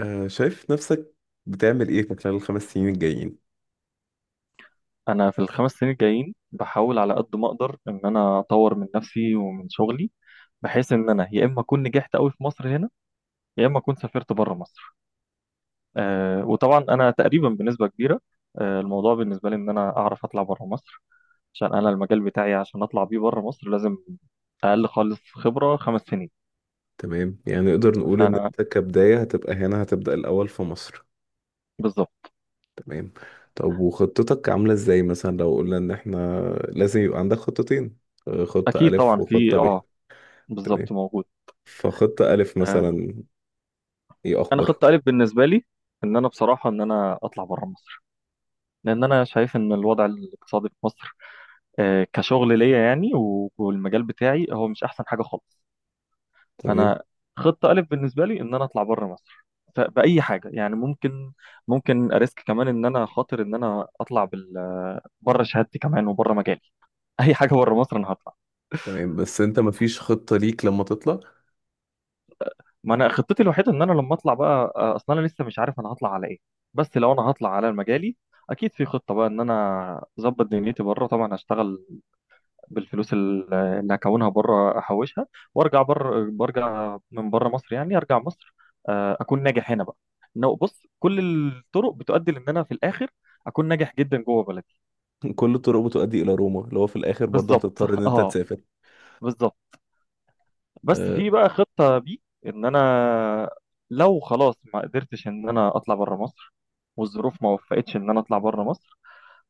شايف نفسك بتعمل ايه في خلال الخمس سنين الجايين؟ انا في ال 5 سنين الجايين بحاول على قد ما اقدر ان انا اطور من نفسي ومن شغلي، بحيث ان انا يا اما اكون نجحت قوي في مصر هنا، يا اما اكون سافرت بره مصر. وطبعا انا تقريبا بنسبه كبيره، الموضوع بالنسبه لي ان انا اعرف اطلع بره مصر، عشان انا المجال بتاعي عشان اطلع بيه بره مصر لازم اقل خالص خبره 5 سنين. تمام، يعني نقدر نقول ان فانا انت كبداية هتبقى هنا، هتبدأ الأول في مصر. بالظبط. تمام. طب وخطتك عاملة ازاي؟ مثلا لو قلنا ان احنا لازم يبقى عندك خطتين، خطة اكيد ألف طبعا في وخطة ب. تمام. بالظبط موجود. فخطة ألف آه مثلا ايه انا أخبارها؟ خطه الف بالنسبه لي ان انا بصراحه ان انا اطلع بره مصر، لان انا شايف ان الوضع الاقتصادي في مصر، كشغل ليا، يعني والمجال بتاعي هو مش احسن حاجه خالص. تمام، فانا خطه الف بالنسبه لي ان انا اطلع بره مصر، باي حاجه يعني. ممكن اريسك كمان، ان انا خاطر ان انا اطلع بره شهادتي كمان وبره مجالي. اي حاجه بره مصر انا هطلع. تمام. بس انت مفيش خطة ليك لما تطلع؟ ما انا خطتي الوحيده ان انا لما اطلع بقى، اصل انا لسه مش عارف انا هطلع على ايه، بس لو انا هطلع على مجالي اكيد في خطه بقى ان انا اظبط دنيتي بره. طبعا هشتغل بالفلوس اللي هكونها بره، احوشها وارجع. بره برجع من بره مصر، يعني ارجع مصر اكون ناجح هنا بقى. إنه بص، كل الطرق بتؤدي لان انا في الاخر اكون ناجح جدا جوه بلدي. كل الطرق بتؤدي إلى روما، اللي هو في الآخر برضه بالظبط. هتضطر ان انت اه، تسافر. بالظبط. بس أه. في بقى خطة بي، ان انا لو خلاص ما قدرتش ان انا اطلع بره مصر، والظروف ما وفقتش ان انا اطلع بره مصر،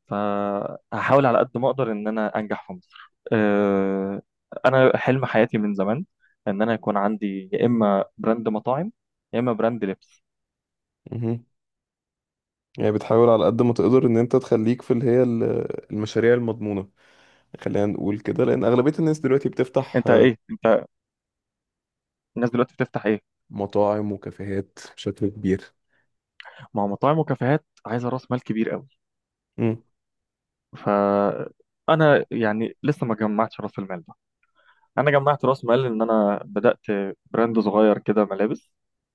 فهحاول على قد ما اقدر ان انا انجح في مصر. انا حلم حياتي من زمان ان انا يكون عندي يا اما براند مطاعم، يا اما براند لبس. مهم. يعني بتحاول على قد ما تقدر ان انت تخليك في اللي هي المشاريع المضمونة، خلينا نقول كده، لان اغلبية الناس دلوقتي بتفتح انت ايه؟ انت الناس دلوقتي بتفتح ايه؟ مطاعم وكافيهات بشكل كبير. ما هو مطاعم وكافيهات عايزه راس مال كبير قوي، مم. فانا يعني لسه ما جمعتش راس المال ده. انا جمعت راس مال ان انا بدات براند صغير كده ملابس،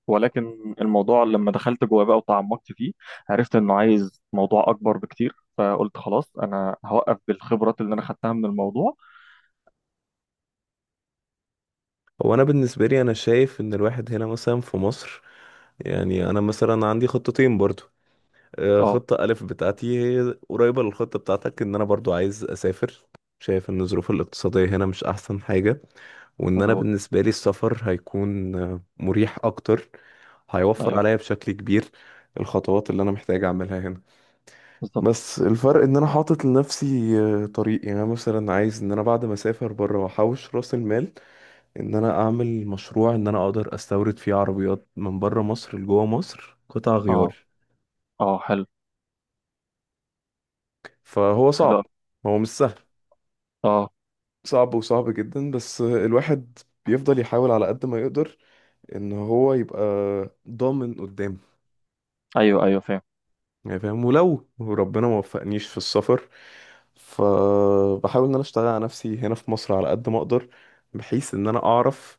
ولكن الموضوع لما دخلت جوه بقى وتعمقت فيه عرفت انه عايز موضوع اكبر بكتير، فقلت خلاص انا هوقف بالخبرات اللي انا خدتها من الموضوع. هو انا بالنسبة لي انا شايف ان الواحد هنا مثلا في مصر، يعني انا مثلا عندي خطتين برضو. اه، خطة ألف بتاعتي هي قريبة للخطة بتاعتك، ان انا برضو عايز اسافر. شايف ان الظروف الاقتصادية هنا مش احسن حاجة، وان انا مظبوط. بالنسبة لي السفر هيكون مريح اكتر، هيوفر ايوه، عليا بشكل كبير الخطوات اللي انا محتاج اعملها هنا. بالظبط. بس الفرق ان انا حاطط لنفسي طريق. يعني انا مثلا عايز ان انا بعد ما اسافر بره واحوش راس المال، ان انا اعمل مشروع ان انا اقدر استورد فيه عربيات من بره مصر لجوه مصر قطع اه. غيار. اه، حلو. فهو حلو صعب، أوي. هو مش سهل، اه، صعب وصعب جدا. بس الواحد بيفضل يحاول على قد ما يقدر ان هو يبقى ضامن قدام، ايوه ايوه فاهم. يعني فاهم. ولو ربنا ما وفقنيش في السفر، فبحاول ان انا اشتغل على نفسي هنا في مصر على قد ما اقدر، بحيث ان انا اعرف،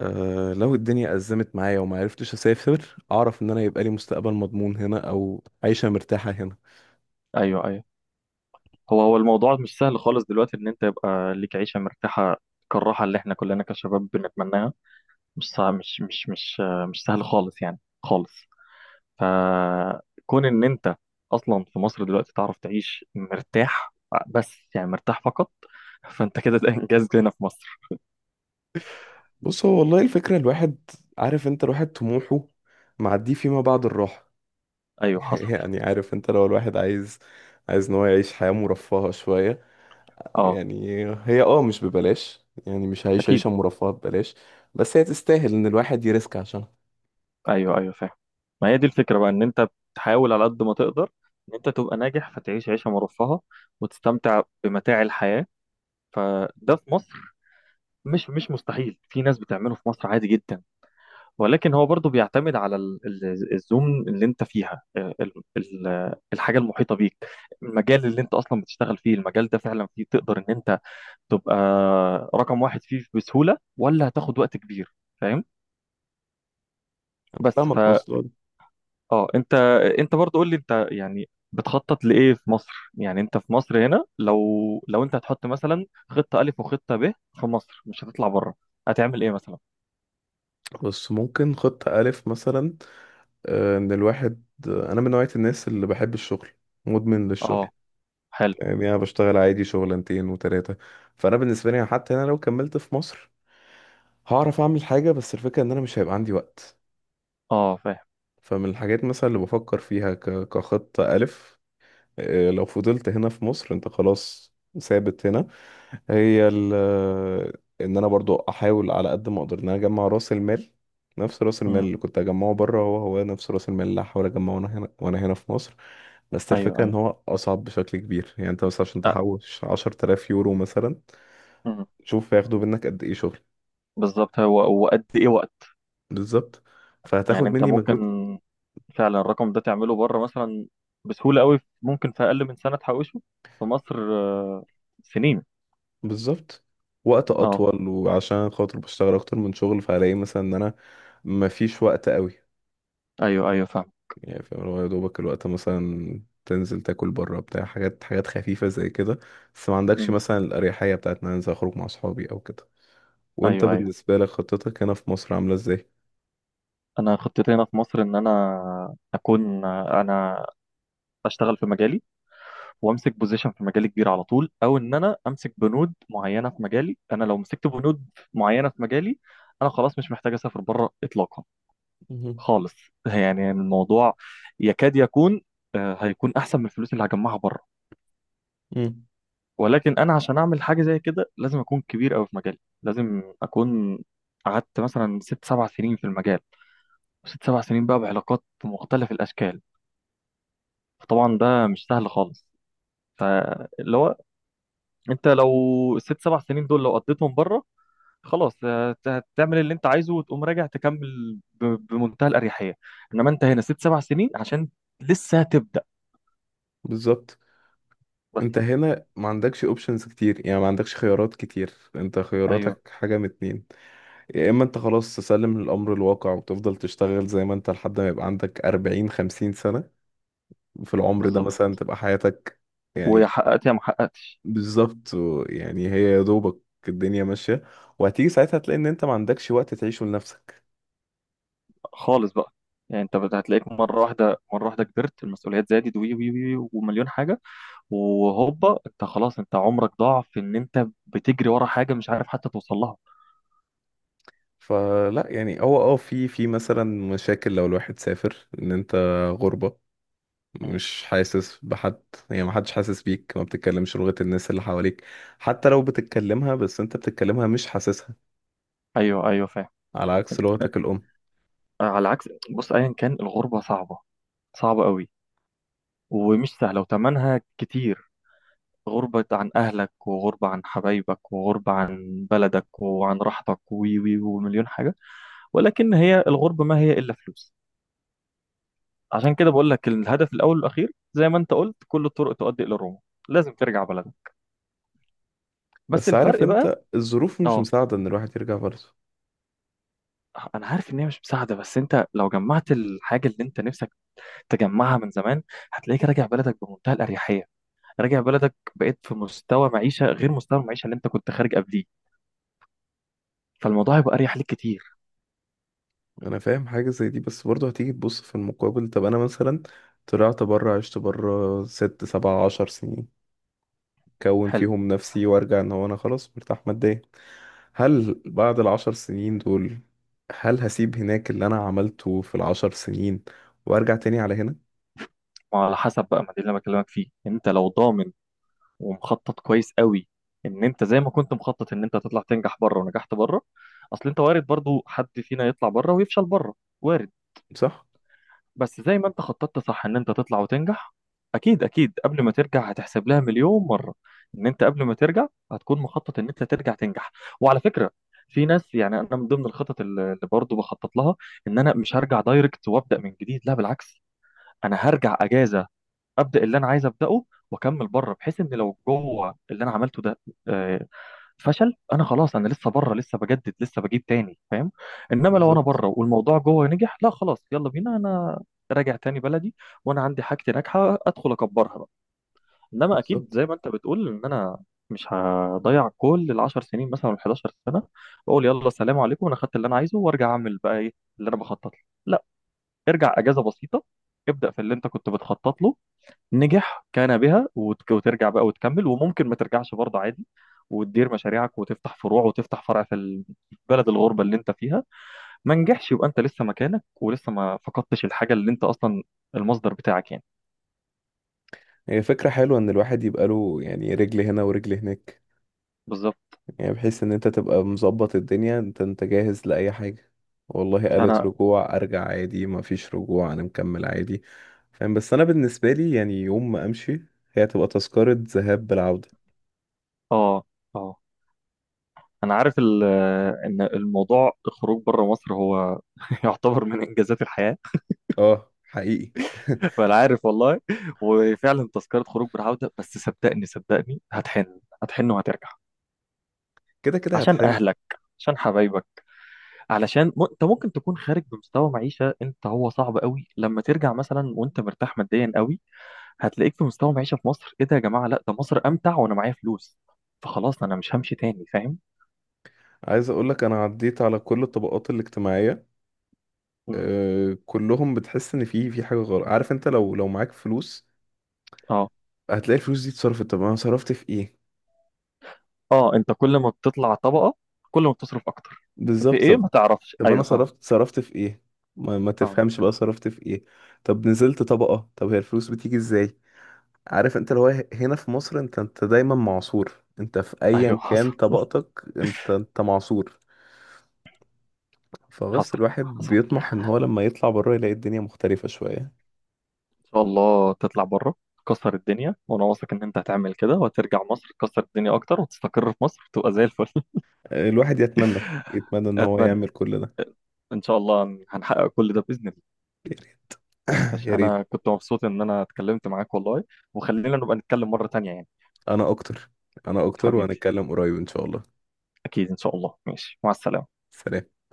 لو الدنيا ازمت معايا وما عرفتش اسافر، اعرف ان انا يبقى لي مستقبل مضمون هنا او عيشة مرتاحة هنا. ايوه ايوه. هو الموضوع مش سهل خالص دلوقتي ان انت يبقى ليك عيشه مرتاحه كالراحه اللي احنا كلنا كشباب بنتمناها. مش سهل، مش سهل خالص يعني خالص. فكون ان انت اصلا في مصر دلوقتي تعرف تعيش مرتاح، بس يعني مرتاح فقط، فانت كده ده انجاز هنا في مصر. بص، هو والله الفكرة الواحد عارف انت، الواحد طموحه معديه فيما بعد الراحة. ايوه حصل. يعني عارف انت لو الواحد عايز ان هو يعيش حياة مرفهة شوية، اه يعني هي مش ببلاش، يعني مش هعيش اكيد. عيشة مرفهة ببلاش، بس هي تستاهل ان الواحد يريسك عشانها. ايوه ايوه فاهم. ما هي دي الفكره بقى، ان انت بتحاول على قد ما تقدر ان انت تبقى ناجح، فتعيش عيشه مرفهه وتستمتع بمتاع الحياه. فده في مصر مش مستحيل، في ناس بتعمله في مصر عادي جدا، ولكن هو برضه بيعتمد على الزون اللي انت فيها، الحاجه المحيطه بيك، المجال اللي انت اصلا بتشتغل فيه. المجال ده فعلا فيه تقدر ان انت تبقى رقم واحد فيه بسهوله، ولا هتاخد وقت كبير؟ فاهم. انا بس ف فاهمك، وصل. اه انت، انت برضه قول لي، انت يعني بتخطط لايه في مصر؟ يعني انت في مصر هنا، لو انت هتحط مثلا خطه الف وخطه ب في مصر مش هتطلع بره، هتعمل ايه مثلا؟ بس ممكن خطة ألف مثلا، ان الواحد، انا من نوعية الناس اللي بحب الشغل، مدمن اه، للشغل. حلو. يعني انا بشتغل عادي شغلانتين وتلاتة. فانا بالنسبة لي حتى انا لو كملت في مصر هعرف اعمل حاجة، بس الفكرة ان انا مش هيبقى عندي وقت. اه، فاهم. فمن الحاجات مثلا اللي بفكر فيها كخطة ألف، لو فضلت هنا في مصر انت خلاص ثابت هنا، هي ال آه، ان انا برضو احاول على قد ما اقدر ان انا اجمع راس المال. نفس راس المال مم. اللي كنت اجمعه بره هو هو نفس راس المال اللي هحاول اجمعه وانا هنا في مصر. بس ايوه الفكرة ان ايوه. هو اصعب بشكل كبير، يعني انت مثلا عشان تحوش 10,000 يورو مثلا، أه. شوف هياخدوا منك قد ايه شغل. بالظبط، هو وقد ايه وقت. بالظبط، يعني فهتاخد انت مني ممكن مجهود. فعلا الرقم ده تعمله بره مثلا بسهولة قوي، ممكن في اقل من سنة تحوشه، في مصر سنين. بالظبط، وقت اه، اطول. وعشان خاطر بشتغل اكتر من شغل فهلاقي مثلا ان انا مفيش وقت قوي، ايوه ايوه فاهم. يعني فاهم. اللي هو يا دوبك الوقت مثلا تنزل تاكل بره بتاع حاجات حاجات خفيفة زي كده، بس ما عندكش مم. مثلا الأريحية بتاعت ان انا انزل اخرج مع اصحابي او كده. وانت ايوه ايوه. بالنسبة لك خطتك هنا في مصر عاملة ازاي؟ انا خطتي هنا في مصر ان انا اكون انا اشتغل في مجالي، وامسك بوزيشن في مجالي كبير على طول، او ان انا امسك بنود معينة في مجالي. انا لو مسكت بنود معينة في مجالي انا خلاص مش محتاج اسافر بره اطلاقا مهم. خالص. يعني الموضوع يكاد يكون هيكون احسن من الفلوس اللي هجمعها بره. مم. ولكن انا عشان اعمل حاجه زي كده لازم اكون كبير قوي في مجالي، لازم اكون قعدت مثلا 6 7 سنين في المجال، 6 7 سنين بقى بعلاقات مختلف الاشكال. فطبعا ده مش سهل خالص. فاللي هو انت لو ال 6 7 سنين دول لو قضيتهم بره خلاص هتعمل اللي انت عايزه، وتقوم راجع تكمل بمنتهى الاريحيه. انما انت هنا 6 7 سنين عشان لسه هتبدا. بالظبط، بس. انت هنا ما عندكش اوبشنز كتير، يعني ما عندكش خيارات كتير، انت ايوه، خياراتك حاجة من اتنين: يا اما انت خلاص تسلم للامر الواقع وتفضل تشتغل زي ما انت لحد ما يبقى عندك 40 50 سنة، في العمر ده بالظبط. مثلا تبقى حياتك، ويا يعني. حققت يا ما حققتش. بالظبط. يعني هي يا دوبك الدنيا ماشية، وهتيجي ساعتها تلاقي ان انت ما عندكش وقت تعيشه لنفسك. خالص بقى. يعني انت هتلاقيك مره واحده مره واحده كبرت المسؤوليات، زادت، وي وي وي ومليون حاجه، وهوبا انت خلاص، انت عمرك ضاع في ان انت بتجري ورا حاجه مش عارف حتى توصل لها. فلا، يعني هو في مثلا مشاكل لو الواحد سافر، ان انت غربة، مم. مش حاسس بحد، يعني ما حدش حاسس بيك، ما بتتكلمش لغة الناس اللي حواليك. حتى لو بتتكلمها، بس انت بتتكلمها مش حاسسها، ايوه ايوه فاهم. على عكس لغتك الأم. على عكس، بص، ايا كان الغربه صعبه، صعبه قوي، ومش سهله وتمنها كتير. غربة عن أهلك، وغربة عن حبايبك، وغربة عن بلدك، وعن راحتك، وي وي ومليون حاجة. ولكن هي الغربة ما هي إلا فلوس. عشان كده بقول لك الهدف الاول والاخير زي ما انت قلت: كل الطرق تؤدي الى روما، لازم ترجع بلدك. بس بس عارف الفرق بقى. انت الظروف مش اه، مساعدة ان الواحد يرجع برضه. انا عارف ان هي مش مساعده، بس انت لو جمعت الحاجه اللي انت نفسك تجمعها من زمان هتلاقيك راجع بلدك بمنتهى الاريحيه. راجع بلدك بقيت في مستوى معيشه غير مستوى المعيشه اللي انت كنت خارج قبليه، فالموضوع هيبقى اريح ليك كتير. انا فاهم حاجه زي دي، بس برضه هتيجي تبص في المقابل. طب انا مثلا طلعت بره، عشت بره ست سبع عشر سنين، كون حلو. فيهم نفسي وارجع ان هو انا خلاص مرتاح ماديا. هل بعد العشر سنين دول، هل هسيب هناك اللي انا عملته في العشر سنين وارجع تاني على هنا؟ ما على حسب بقى، ما دي اللي انا بكلمك فيه. انت لو ضامن ومخطط كويس قوي ان انت زي ما كنت مخطط ان انت هتطلع تنجح بره ونجحت بره. اصل انت وارد برضو حد فينا يطلع بره ويفشل بره، وارد. صح. بس زي ما انت خططت صح ان انت تطلع وتنجح، اكيد اكيد قبل ما ترجع هتحسب لها مليون مره. ان انت قبل ما ترجع هتكون مخطط ان انت ترجع تنجح. وعلى فكره في ناس، يعني انا من ضمن الخطط اللي برضو بخطط لها، ان انا مش هرجع دايركت وابدا من جديد. لا بالعكس، انا هرجع اجازه، ابدا اللي انا عايز ابداه، واكمل بره، بحيث ان لو جوه اللي انا عملته ده آه، فشل، انا خلاص انا لسه بره، لسه بجدد، لسه بجيب تاني. فاهم؟ انما لو انا بالظبط. بره والموضوع جوه نجح، لا خلاص يلا بينا، انا راجع تاني بلدي، وانا عندي حاجتي ناجحه ادخل اكبرها بقى. انما اكيد بالظبط. زي ما انت بتقول ان انا مش هضيع كل ال 10 سنين مثلا وال 11 سنه، واقول يلا السلام عليكم انا خدت اللي انا عايزه، وارجع اعمل بقى ايه اللي انا بخطط له. لا، ارجع اجازه بسيطه، ابدا في اللي انت كنت بتخطط له. نجح كان بها، وترجع بقى وتكمل. وممكن ما ترجعش برضه عادي، وتدير مشاريعك وتفتح فروع، وتفتح فرع في البلد الغربة اللي انت فيها. ما نجحش يبقى انت لسه مكانك، ولسه ما فقدتش الحاجة اللي انت اصلا المصدر بتاعك يعني. هي فكره حلوه ان الواحد يبقى له يعني رجل هنا ورجل هناك، بالظبط. يعني بحيث ان انت تبقى مظبط الدنيا، انت جاهز لأي حاجة. والله قالت انا، رجوع ارجع عادي، ما فيش رجوع انا مكمل عادي، فاهم. بس انا بالنسبة لي، يعني يوم ما امشي هي تبقى تذكرة ذهاب بالعودة. اه. اه، انا عارف ان الموضوع الخروج بره مصر هو يعتبر من انجازات الحياة. اه، حقيقي. فانا عارف والله، وفعلا تذكرة خروج بالعودة. بس صدقني صدقني هتحن، هتحن وهترجع، كده كده عشان هتحن. اهلك، عشان حبايبك، علشان انت ممكن تكون خارج بمستوى معيشه. انت هو صعب قوي لما ترجع مثلا وانت مرتاح ماديا قوي، هتلاقيك في مستوى معيشه في مصر: ايه ده يا جماعه؟ لا، ده مصر امتع وانا معايا فلوس، فخلاص انا مش همشي تاني. فاهم؟ عايز اقول لك انا عديت على كل الطبقات الاجتماعية. مم. أه، كلهم بتحس ان في حاجة غلط. عارف انت، لو معاك فلوس اه. هتلاقي الفلوس دي اتصرفت، طب انا صرفت في ايه؟ اه، انت كل ما بتطلع طبقه كل ما بتصرف اكتر. في بالظبط. ايه ما تعرفش. طب انا ايوه فاهم. صرفت في ايه؟ ما فاهم. تفهمش بقى صرفت في ايه. طب نزلت طبقة، طب هي الفلوس بتيجي ازاي؟ عارف انت اللي هو هنا في مصر انت دايما معصور، انت في ايوه ايا حصل. كان طبقتك انت معصور. فبس حصل، الواحد حصل. بيطمح ان هو لما يطلع بره يلاقي الدنيا مختلفة شوية. ان شاء الله تطلع بره تكسر الدنيا، وانا واثق ان انت هتعمل كده، وهترجع مصر تكسر الدنيا اكتر، وتستقر في مصر تبقى زي الفل. الواحد يتمنى، يتمنى ان هو اتمنى. يعمل كل ده. ان شاء الله هنحقق كل ده باذن الله. يا ريت. ماشي، يا ريت. انا كنت مبسوط ان انا اتكلمت معاك والله، وخلينا نبقى نتكلم مره تانية يعني. انا اكتر. انا اكتر حبيبي، وهنتكلم قريب ان شاء الله. اكيد ان شاء الله. ماشي، مع السلامه. سلام.